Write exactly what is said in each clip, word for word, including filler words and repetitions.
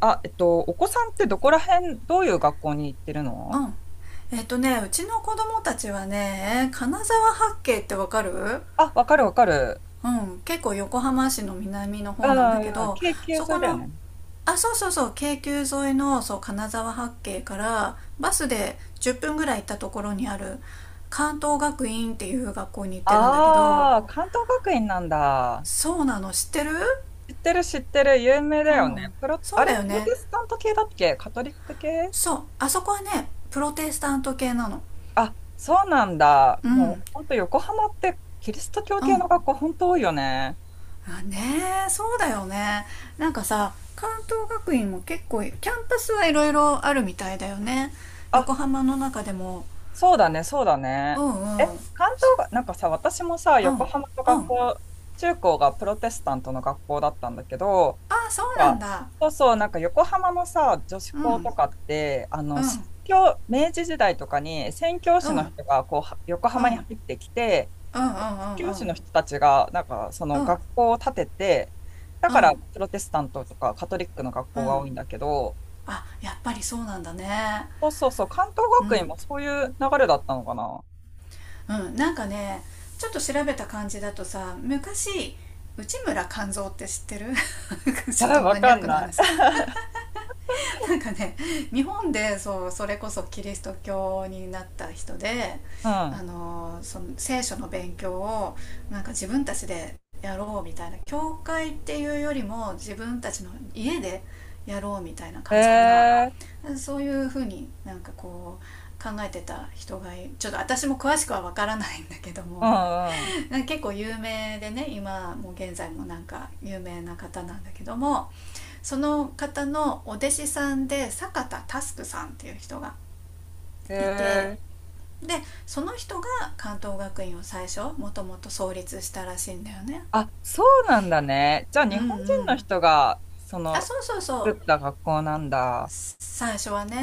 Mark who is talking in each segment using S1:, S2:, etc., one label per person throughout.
S1: あ、えっと、お子さんってどこら辺、どういう学校に行ってる
S2: う
S1: の？
S2: ん。えっとねうちの子供たちはね、金沢八景ってわかる？
S1: あ、わかるわかる。
S2: うん。結構横浜市の南の方なんだけ
S1: うん、
S2: ど、
S1: 経験
S2: そ
S1: それ
S2: こ
S1: だよ
S2: の、
S1: ね。
S2: あ、そうそうそう、京急沿いの、そう、金沢八景からバスでじゅっぷんぐらい行ったところにある関東学院っていう学校に行ってるんだけど。
S1: ああ、関東学院なんだ。
S2: そうなの。知ってる？
S1: 知ってる知ってる、有名だ
S2: う
S1: よね。
S2: ん。
S1: プロ、
S2: そ
S1: あ
S2: う
S1: れ、
S2: だよ
S1: プロ
S2: ね。
S1: テスタント系だっけカトリック系？
S2: そう、あそこはね、プロテスタント系なの。
S1: あ、そうなんだ。
S2: う
S1: も
S2: ん、
S1: う、ほんと横浜ってキリスト教
S2: う
S1: 系
S2: ん。
S1: の学校ほんと多いよね。
S2: あ、ねえ、そうだよね。なんかさ、関東学院も結構キャンパスはいろいろあるみたいだよね。
S1: あ、
S2: 横浜の中でも。
S1: そうだね、そうだ
S2: う
S1: ね。
S2: ん、
S1: え、
S2: うん、
S1: 関東が、なんかさ、私もさ、
S2: う
S1: 横
S2: ん、
S1: 浜の
S2: う
S1: 学
S2: ん。
S1: 校、中高がプロテスタントの学校だったんだけど、
S2: あ、そうなん
S1: か、
S2: だ。
S1: そうそう、なんか横浜のさ、女子
S2: う
S1: 校
S2: ん、
S1: とかって、あ
S2: う
S1: の、宣
S2: ん、
S1: 教、明治時代とかに宣教
S2: う
S1: 師
S2: ん、う
S1: の
S2: ん、
S1: 人がこうは横
S2: うん、うん、
S1: 浜
S2: うん、
S1: に
S2: う
S1: 入
S2: ん、
S1: ってきて、
S2: う
S1: 宣教師
S2: ん、
S1: の人たちが、なんかその学校を建てて、だ
S2: うん、
S1: か
S2: う
S1: らプロテスタントとかカトリックの学校が
S2: ん。
S1: 多いんだけど、
S2: あ、やっぱりそうなんだね。
S1: そうそうそう、関東
S2: う
S1: 学院
S2: ん、
S1: もそういう流れだったのかな。
S2: うん。なんかね、ちょっと調べた感じだとさ、昔、内村勘三って知ってる？
S1: あ
S2: ちょっと
S1: わ
S2: マニ
S1: か
S2: アッ
S1: ん
S2: クな
S1: ない。
S2: 話。 なんかね、日本でそう、それこそキリスト教になった人で、
S1: う
S2: あ
S1: ん。
S2: の、その聖書の勉強を、なんか自分たちでやろうみたいな。教会っていうよりも自分たちの家でやろうみたいな
S1: へ
S2: 感じかな。
S1: え、
S2: そういうふうになんかこう考えてた人がいる。ちょっと私も詳しくはわからないんだけど
S1: うん
S2: も、
S1: うん。
S2: なんか 結構有名でね、今もう現在もなんか有名な方なんだけども、その方のお弟子さんで坂田タスクさんっていう人が
S1: へ
S2: いて、
S1: え。
S2: で、その人が関東学院を最初もともと創立したらしいんだよね。
S1: あ、そうなんだね。じゃあ
S2: う
S1: 日
S2: ん、う
S1: 本人の
S2: ん。
S1: 人が、そ
S2: あ、
S1: の
S2: そうそうそう。
S1: 作った学校なんだ。
S2: 最初はね。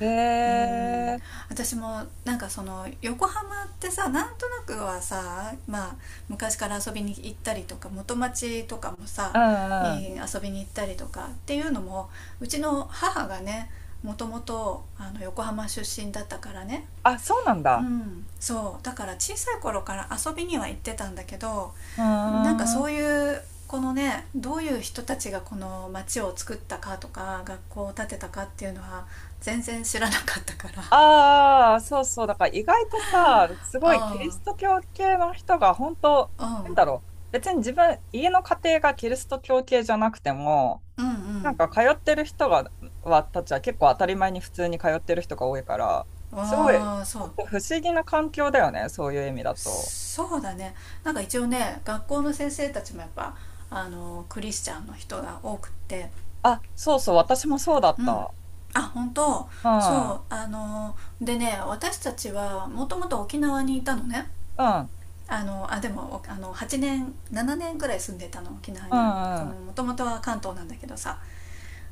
S1: へ
S2: うん。
S1: え、
S2: 私もなんかその横浜ってさ、なんとなくはさ、まあ、昔から遊びに行ったりとか元町とかも
S1: うん
S2: さ、い
S1: う
S2: い、
S1: ん。
S2: 遊びに行ったりとかっていうのも、うちの母がね、もともとあの、横浜出身だったからね。
S1: あ、そうなん
S2: う
S1: だ。
S2: ん、そうだから小さい頃から遊びには行ってたんだけど、
S1: うー
S2: なんかそ
S1: ん。
S2: ういう、このね、どういう人たちがこの町を作ったかとか学校を建てたかっていうのは、全然知らなかったから。
S1: ああ、そうそう。だから意外とさ、す
S2: う
S1: ごいキリ
S2: ん、
S1: スト教系の人が本当、
S2: う
S1: なん
S2: ん、
S1: だろう。別に自分、家の家庭がキリスト教系じゃなくても、
S2: うん、う
S1: なん
S2: ん。
S1: か通ってる人が、は、たちは結構当たり前に普通に通ってる人が多いから、すごい、ち
S2: ああー、そ
S1: ょ
S2: う。
S1: っと不思議な環境だよね。そういう意味だと。
S2: そうだね。なんか一応ね、学校の先生たちもやっぱあの、クリスチャンの人が多くって、
S1: あ、そうそう。私もそうだっ
S2: うん。
S1: た。
S2: あ、本当？
S1: うん。
S2: そう、
S1: う
S2: あのでね、私たちはもともと沖縄にいたのね。
S1: ん。
S2: あのあでもおあのはちねんななねんぐらい住んでたの、沖縄
S1: う
S2: に。
S1: んうん、
S2: もともとは関東なんだけどさ、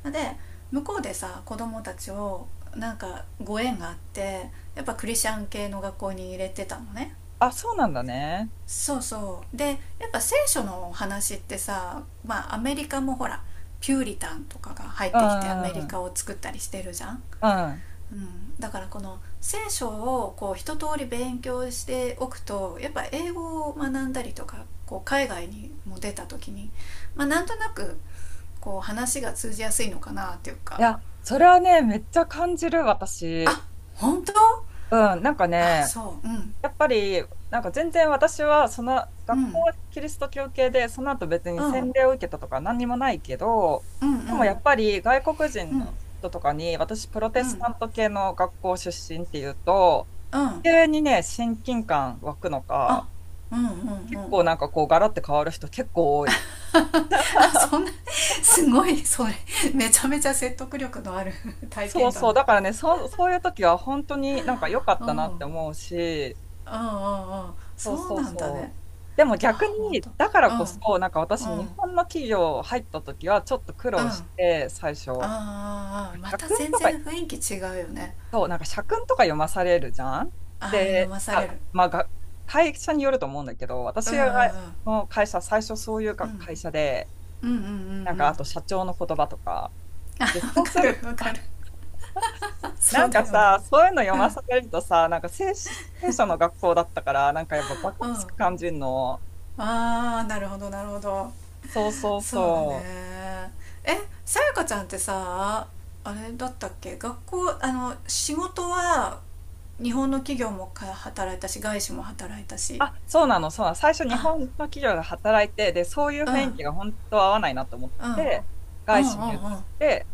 S2: で、向こうでさ子供たちを、なんかご縁があって、やっぱクリスチャン系の学校に入れてたのね。
S1: あ、そうなんだね。
S2: そうそう、でやっぱ聖書のお話ってさ、まあ、アメリカもほら、ピューリタンとかが入っ
S1: うん、
S2: てきてアメリ
S1: うん、
S2: カを作ったりしてるじゃん。
S1: うん。
S2: うん、だからこの聖書をこう一通り勉強しておくとやっぱ英語を学んだりとか、こう海外にも出た時に、まあ、なんとなく、こう話が通じやすいのかなっていう
S1: い
S2: か
S1: や、それはね、めっちゃ感じる、私。
S2: 「あ、本当？
S1: うん、なんか
S2: あ、
S1: ね、
S2: そう。うん、
S1: やっぱり、なんか全然私は、その、
S2: う
S1: 学校
S2: ん、
S1: はキリスト教系で、その後別
S2: う
S1: に
S2: ん、うん、
S1: 洗礼を受けたとか何にもないけど、
S2: う
S1: でもや
S2: ん、
S1: っぱり外国
S2: う
S1: 人
S2: ん、
S1: の人とかに、私、プロ
S2: う
S1: テ
S2: ん、う
S1: ス
S2: ん。
S1: タント系の学校出身っていうと、急にね、親近感湧くのか、
S2: あ、うん、うん、う
S1: 結
S2: ん。
S1: 構なんかこう、ガラッて変わる人結構多い。
S2: あ、そ んな、すごいそれ、めちゃめちゃ説得力のある 体
S1: そう
S2: 験
S1: そう。
S2: 談。
S1: だからね、そう、そういう時は本当になんか良かっ
S2: う
S1: たなって
S2: ん、
S1: 思うし、
S2: うん、うん、うん。
S1: そう
S2: そう
S1: そう
S2: なんだね。
S1: そう。でも逆
S2: あ、本
S1: に、
S2: 当？
S1: だから
S2: うん、
S1: こそ、なんか
S2: う
S1: 私、
S2: ん、うん。
S1: 日本の企業入った時はちょっと苦労し
S2: あ
S1: て、最初。な
S2: ー、
S1: ん
S2: あ、
S1: か
S2: ま
S1: 社
S2: た
S1: 訓
S2: 全
S1: とか、
S2: 然雰囲気違うよね。
S1: そう、なんか社訓とか読まされるじゃん。
S2: ああ、読
S1: で、
S2: まされ
S1: あ、
S2: る。
S1: まあ、が会社によると思うんだけど、
S2: うん、
S1: 私
S2: うん、うん、
S1: の会社、最初そういう
S2: う
S1: か
S2: ん、
S1: 会社で、
S2: うん、うん、うん、う
S1: なんかあ
S2: ん。
S1: と社長の言葉とか、
S2: あ
S1: で、
S2: わ
S1: そう
S2: か
S1: する
S2: るわかる。そ
S1: な
S2: う
S1: ん
S2: だ
S1: か
S2: よね。
S1: さ、そういうの読
S2: うん、う
S1: ま
S2: ん。
S1: されるとさ、なんか聖書、聖書の学校だったから、なんかやっぱバカらしく感じるの。
S2: ああ、なるほどなるほど。
S1: そうそう
S2: そうだ
S1: そう。
S2: ね。え、さやかちゃんってさ、あれだったっけ、学校、あの、仕事は、日本の企業もか働いたし、外資も働いたし。
S1: あ、そうなの、そうなの。最初日本の
S2: あ、
S1: 企業で働いて、で、そういう
S2: うん、うん、
S1: 雰囲気が本当合わないなと思っ
S2: うん、うん、
S1: て、外資に移っ
S2: うん、
S1: て、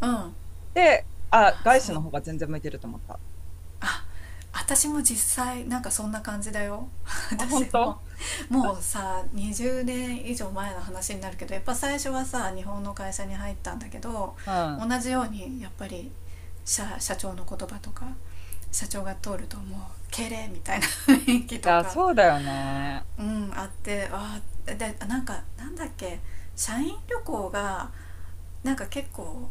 S2: うん。あ
S1: で、あ、
S2: あ、
S1: 外
S2: そ
S1: 資の方が
S2: う。
S1: 全然向いてると思った。
S2: あ、私も実際なんかそんな感じだよ。
S1: あ、本
S2: 私も、
S1: 当？
S2: もうさにじゅうねん以上前の話になるけどやっぱ最初はさ、日本の会社に入ったんだけど、
S1: うん。
S2: 同
S1: い
S2: じようにやっぱり、社社長の言葉とか、社長が通るともう、敬礼みたいな雰囲気と
S1: や、
S2: か、
S1: そうだよね。
S2: うん、あって、あで、なんか、なんだっけ、社員旅行が、なんか結構、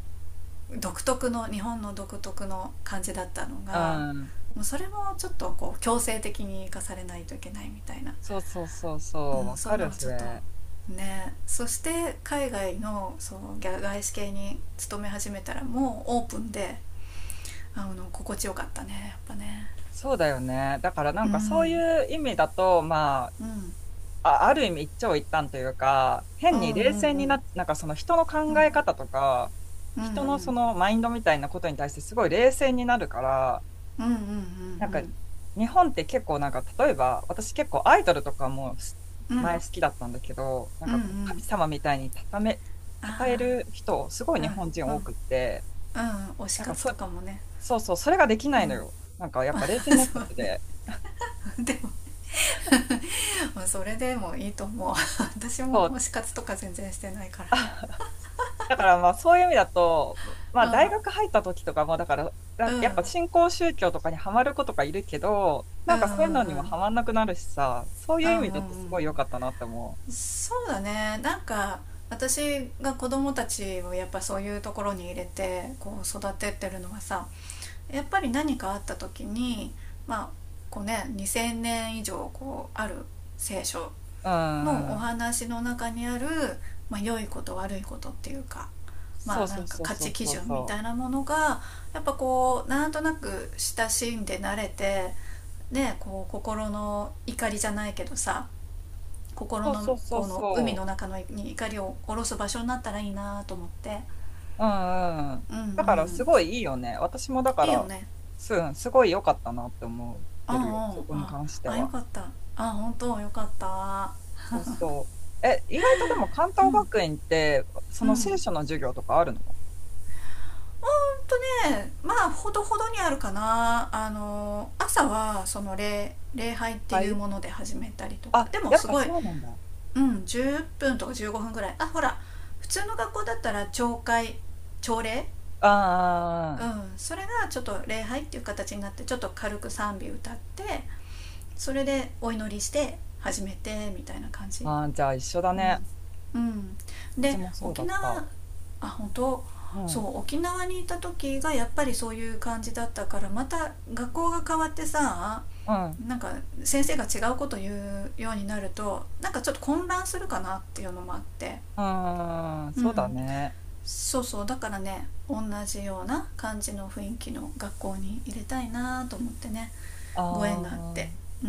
S2: 独特の、日本の独特の感じだったの
S1: う
S2: が、
S1: ん。
S2: もうそれもちょっとこう強制的に生かされないといけないみたいな、
S1: そうそうそうそう。
S2: うん、
S1: わ
S2: そうい
S1: か
S2: うの
S1: る、
S2: は
S1: そ
S2: ちょっと
S1: れ。
S2: ね。そして海外のそう外資系に勤め始めたらもうオープンで、あの、心地よかったねやっぱね。
S1: そうだよね。だからな
S2: う
S1: んかそう
S2: ん、
S1: いう意味だと、まあ、
S2: うん、
S1: あ、ある意味一長一短というか、
S2: う
S1: 変
S2: ん、うん、う
S1: に
S2: ん、う
S1: 冷静に
S2: ん、
S1: な、なんかその人の考え方とか、
S2: うん、う
S1: 人のそ
S2: ん、
S1: のマインドみたいなことに対してすごい冷静になるから、
S2: うん、うん、うん、うん、う
S1: なん
S2: ん、
S1: か日本って結構なんか例えば私結構アイドルとかも
S2: う
S1: 前
S2: ん。
S1: 好きだったんだけど、なんかこう神様みたいにため、称え
S2: あ
S1: る人、すごい日
S2: あ、
S1: 本人
S2: うん、う
S1: 多
S2: ん、
S1: くって、
S2: うん、推し
S1: なんか
S2: 活
S1: そ、
S2: とかもね。
S1: そうそう、それができ
S2: う
S1: ないの
S2: ん
S1: よ。なんかやっぱ冷静に なっちゃ
S2: そ
S1: っ
S2: う
S1: て
S2: ね。
S1: て。
S2: でもまあ、それでもいいと思う。 私も
S1: そう、
S2: 推し活とか全然してないか
S1: だからまあそういう意味だと、まあ
S2: ら。
S1: 大学入った時とかも、だから
S2: う
S1: だ
S2: ん、うん、
S1: やっぱ新興宗教とかにはまる子とかいるけど、
S2: う
S1: な
S2: ん、
S1: ん
S2: うん、う
S1: かそういうのに
S2: ん、う
S1: も
S2: ん、
S1: はまんなくなるしさ、そうい
S2: う
S1: う意
S2: ん、
S1: 味だと
S2: う
S1: すご
S2: ん。
S1: い良かったなって思
S2: そうだね。なんか、私が子供たちをやっぱそういうところに入れてこう育てってるのはさ、やっぱり何かあった時に、まあ、こうね、にせんねん以上こうある聖書
S1: う。うん
S2: のお
S1: うん。
S2: 話の中にある、まあ、良いこと悪いことっていうか、
S1: そ
S2: まあ、
S1: う
S2: な
S1: そ
S2: ん
S1: う
S2: か
S1: そう
S2: 価
S1: そ
S2: 値
S1: う
S2: 基
S1: そう
S2: 準み
S1: そ
S2: た
S1: う。
S2: いなものが、やっぱこうなんとなく親しんで慣れてね、こう心の怒りじゃないけどさ、心
S1: そうそ
S2: の
S1: うそう
S2: この海の
S1: そ
S2: 中のに怒りを下ろす場所になったらいいなと思って。
S1: う。うんうん。
S2: うん、う
S1: だからす
S2: ん。
S1: ごいいいよね。私もだか
S2: いいよ
S1: ら、
S2: ね。
S1: す、うんすごい良かったなって思っ
S2: あ
S1: てるよ。そこ
S2: あ、
S1: に
S2: あ
S1: 関して
S2: あ、ああ、よ
S1: は。
S2: かった。あ、あ本当よかった。
S1: そうそう。え、意外とでも関
S2: う
S1: 東
S2: ん、
S1: 学院って、そ
S2: う
S1: の聖
S2: ん。
S1: 書の授業とかあるの？
S2: ほんとね、まあ、ほどほどにあるかな。あの、朝はその礼礼拝って
S1: は
S2: いう
S1: い。
S2: もので始めたりとか、
S1: あ、
S2: でも
S1: やっ
S2: す
S1: ぱ
S2: ごい、
S1: そうなんだ。
S2: うん、じゅっぷんとかじゅうごふんぐらい。あ、ほら普通の学校だったら朝会、朝礼。
S1: あ
S2: う
S1: ー
S2: ん、それがちょっと礼拝っていう形になってちょっと軽く賛美歌って、それでお祈りして始めてみたいな感じ。
S1: あー、あじゃあ一緒だね。
S2: うん、うん、
S1: うち
S2: で
S1: もそうだ
S2: 沖
S1: った。
S2: 縄、あ、本当？
S1: うん、
S2: そ
S1: う
S2: う、沖縄にいた時がやっぱりそういう感じだったから、また学校が変わってさ、
S1: ん、う
S2: なんか、先生が違うこと言うようになるとなんかちょっと混乱するかなっていうのもあって。
S1: ーん、
S2: う
S1: そうだ
S2: ん、
S1: ね。
S2: そうそうだからね、同じような感じの雰囲気の学校に入れたいなと思ってね、ご縁
S1: あ
S2: があって。
S1: あ、
S2: う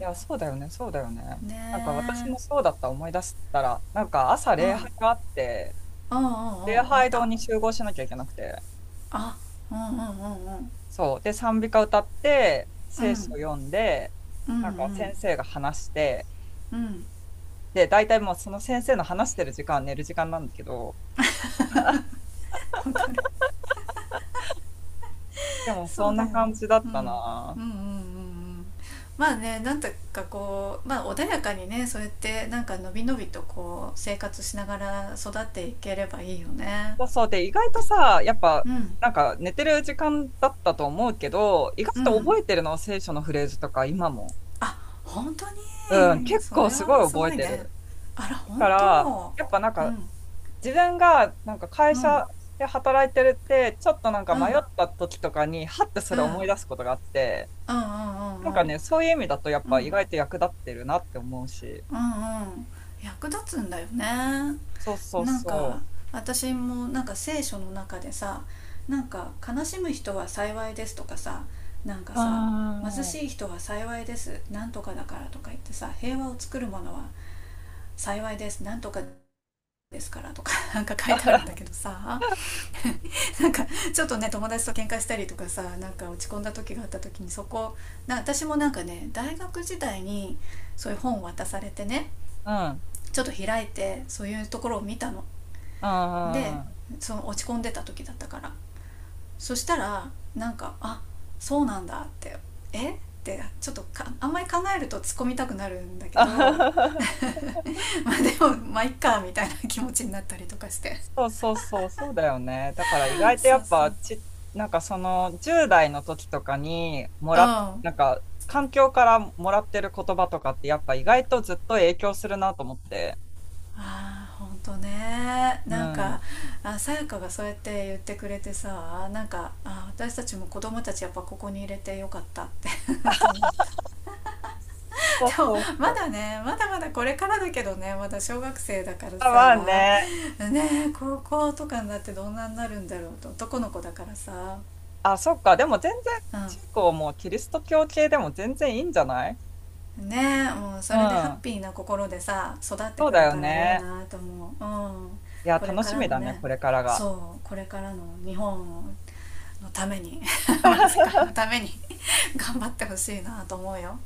S1: いや、そうだよね、そうだよね。
S2: ね
S1: なんか私も
S2: え。
S1: そうだった、思い出したら、なんか朝
S2: うん、うん、
S1: 礼
S2: うん、う
S1: 拝があって、礼
S2: ん、あっ
S1: 拝堂
S2: た。
S1: に集合しなきゃいけなくて、
S2: あ、うん、うん、うん、うん、
S1: そう。で、賛美歌歌って、
S2: う
S1: 聖書
S2: ん、
S1: 読んで、
S2: うん、う
S1: なんか
S2: ん、
S1: 先生が話して、
S2: うん、
S1: で、大体もうその先生の話してる時間は寝る時間なんだけど、
S2: わかる。
S1: で もそ
S2: そう
S1: ん
S2: だ
S1: な
S2: よね、
S1: 感じだっ
S2: うん、う
S1: た
S2: ん、うん、
S1: な。
S2: うん、うん。まあね、なんとかこう、まあ、穏やかにね、そうやってなんかのびのびとこう生活しながら育っていければいいよね。
S1: そうそうで、意外とさ、やっぱ、
S2: うん、
S1: なんか寝てる時間だったと思うけど、意
S2: う
S1: 外と
S2: ん。
S1: 覚えてるの、聖書のフレーズとか、今も。
S2: あ、本当
S1: うん、
S2: に？
S1: 結
S2: そ
S1: 構
S2: れ
S1: すご
S2: は
S1: い
S2: す
S1: 覚
S2: ご
S1: え
S2: い
S1: て
S2: ね。
S1: る。
S2: あら、
S1: だ
S2: 本
S1: から、
S2: 当？
S1: やっぱなん
S2: う
S1: か、
S2: ん、
S1: 自分がなんか会
S2: うん、
S1: 社で働いてるって、ちょっとなんか
S2: うん、う
S1: 迷っ
S2: ん、
S1: た時とかに、はってそ
S2: う
S1: れ思い
S2: ん、
S1: 出すことがあって、
S2: うん、うん、う
S1: なん
S2: ん、
S1: か
S2: うん、
S1: ね、そういう意味だと、やっぱ意外と役立ってるなって思うし。
S2: うん、うん。役立つんだよね。
S1: そうそう
S2: なんか、
S1: そ
S2: 私もなんか聖書の中でさ、なんか悲しむ人は幸いですとかさ、なんか
S1: う。う
S2: さ、貧
S1: ー ん、
S2: しい人は幸いですなんとかだからとか言ってさ、平和を作るものは幸いですなんとかですからとか なんか書いてあるんだけどさ、なんか、ちょっとね、友達と喧嘩したりとかさ、なんか落ち込んだ時があった時にそこ、な私もなんかね大学時代に、そういう本を渡されてね、
S1: うん、
S2: ちょっと開いてそういうところを見たの。
S1: う
S2: で、
S1: ん。
S2: その落ち込んでた時だったから、そしたら、なんか、あ、そうなんだって、えっ、てちょっとか、あんまり考えると突っ込みたくなるんだけど、 まあでもまあいっかみたいな気持ちになったりとかして。
S1: そうそうそう、そうだよね。だから意 外とや
S2: そう
S1: っ
S2: そう、
S1: ぱ
S2: うん。
S1: ち、なんかそのじゅう代の時とかにもらっ、
S2: あ
S1: なんか環境からもらってる言葉とかってやっぱ意外とずっと影響するなと思って。
S2: あ、ほんとね。
S1: う
S2: なんか、
S1: ん。
S2: さやかがそうやって言ってくれてさ、なんか、あ、私たちも子供たちやっぱここに入れてよかったって と思った。
S1: そ う
S2: でも、
S1: そう
S2: ま
S1: そ
S2: だ
S1: う。
S2: ね、まだまだこれからだけどね、まだ小学生だから
S1: あ、まあ
S2: さ。
S1: ね。
S2: ねえ、高校とかになってどんなになるんだろうと。男の子だからさ。
S1: あ、そっか。でも全然中高
S2: う
S1: もキリスト教系でも全然いいんじゃない？
S2: ん、ねえ、もう
S1: う
S2: それでハッ
S1: ん。
S2: ピーな心でさ育って
S1: そう
S2: く
S1: だ
S2: れ
S1: よ
S2: たらいい
S1: ね。
S2: なと思う。うん。
S1: いや、
S2: これ
S1: 楽
S2: か
S1: し
S2: ら
S1: み
S2: の
S1: だね、
S2: ね。
S1: これからが。
S2: そう、これからの日本のために、 世界の ために、 頑張ってほしいなと思うよ。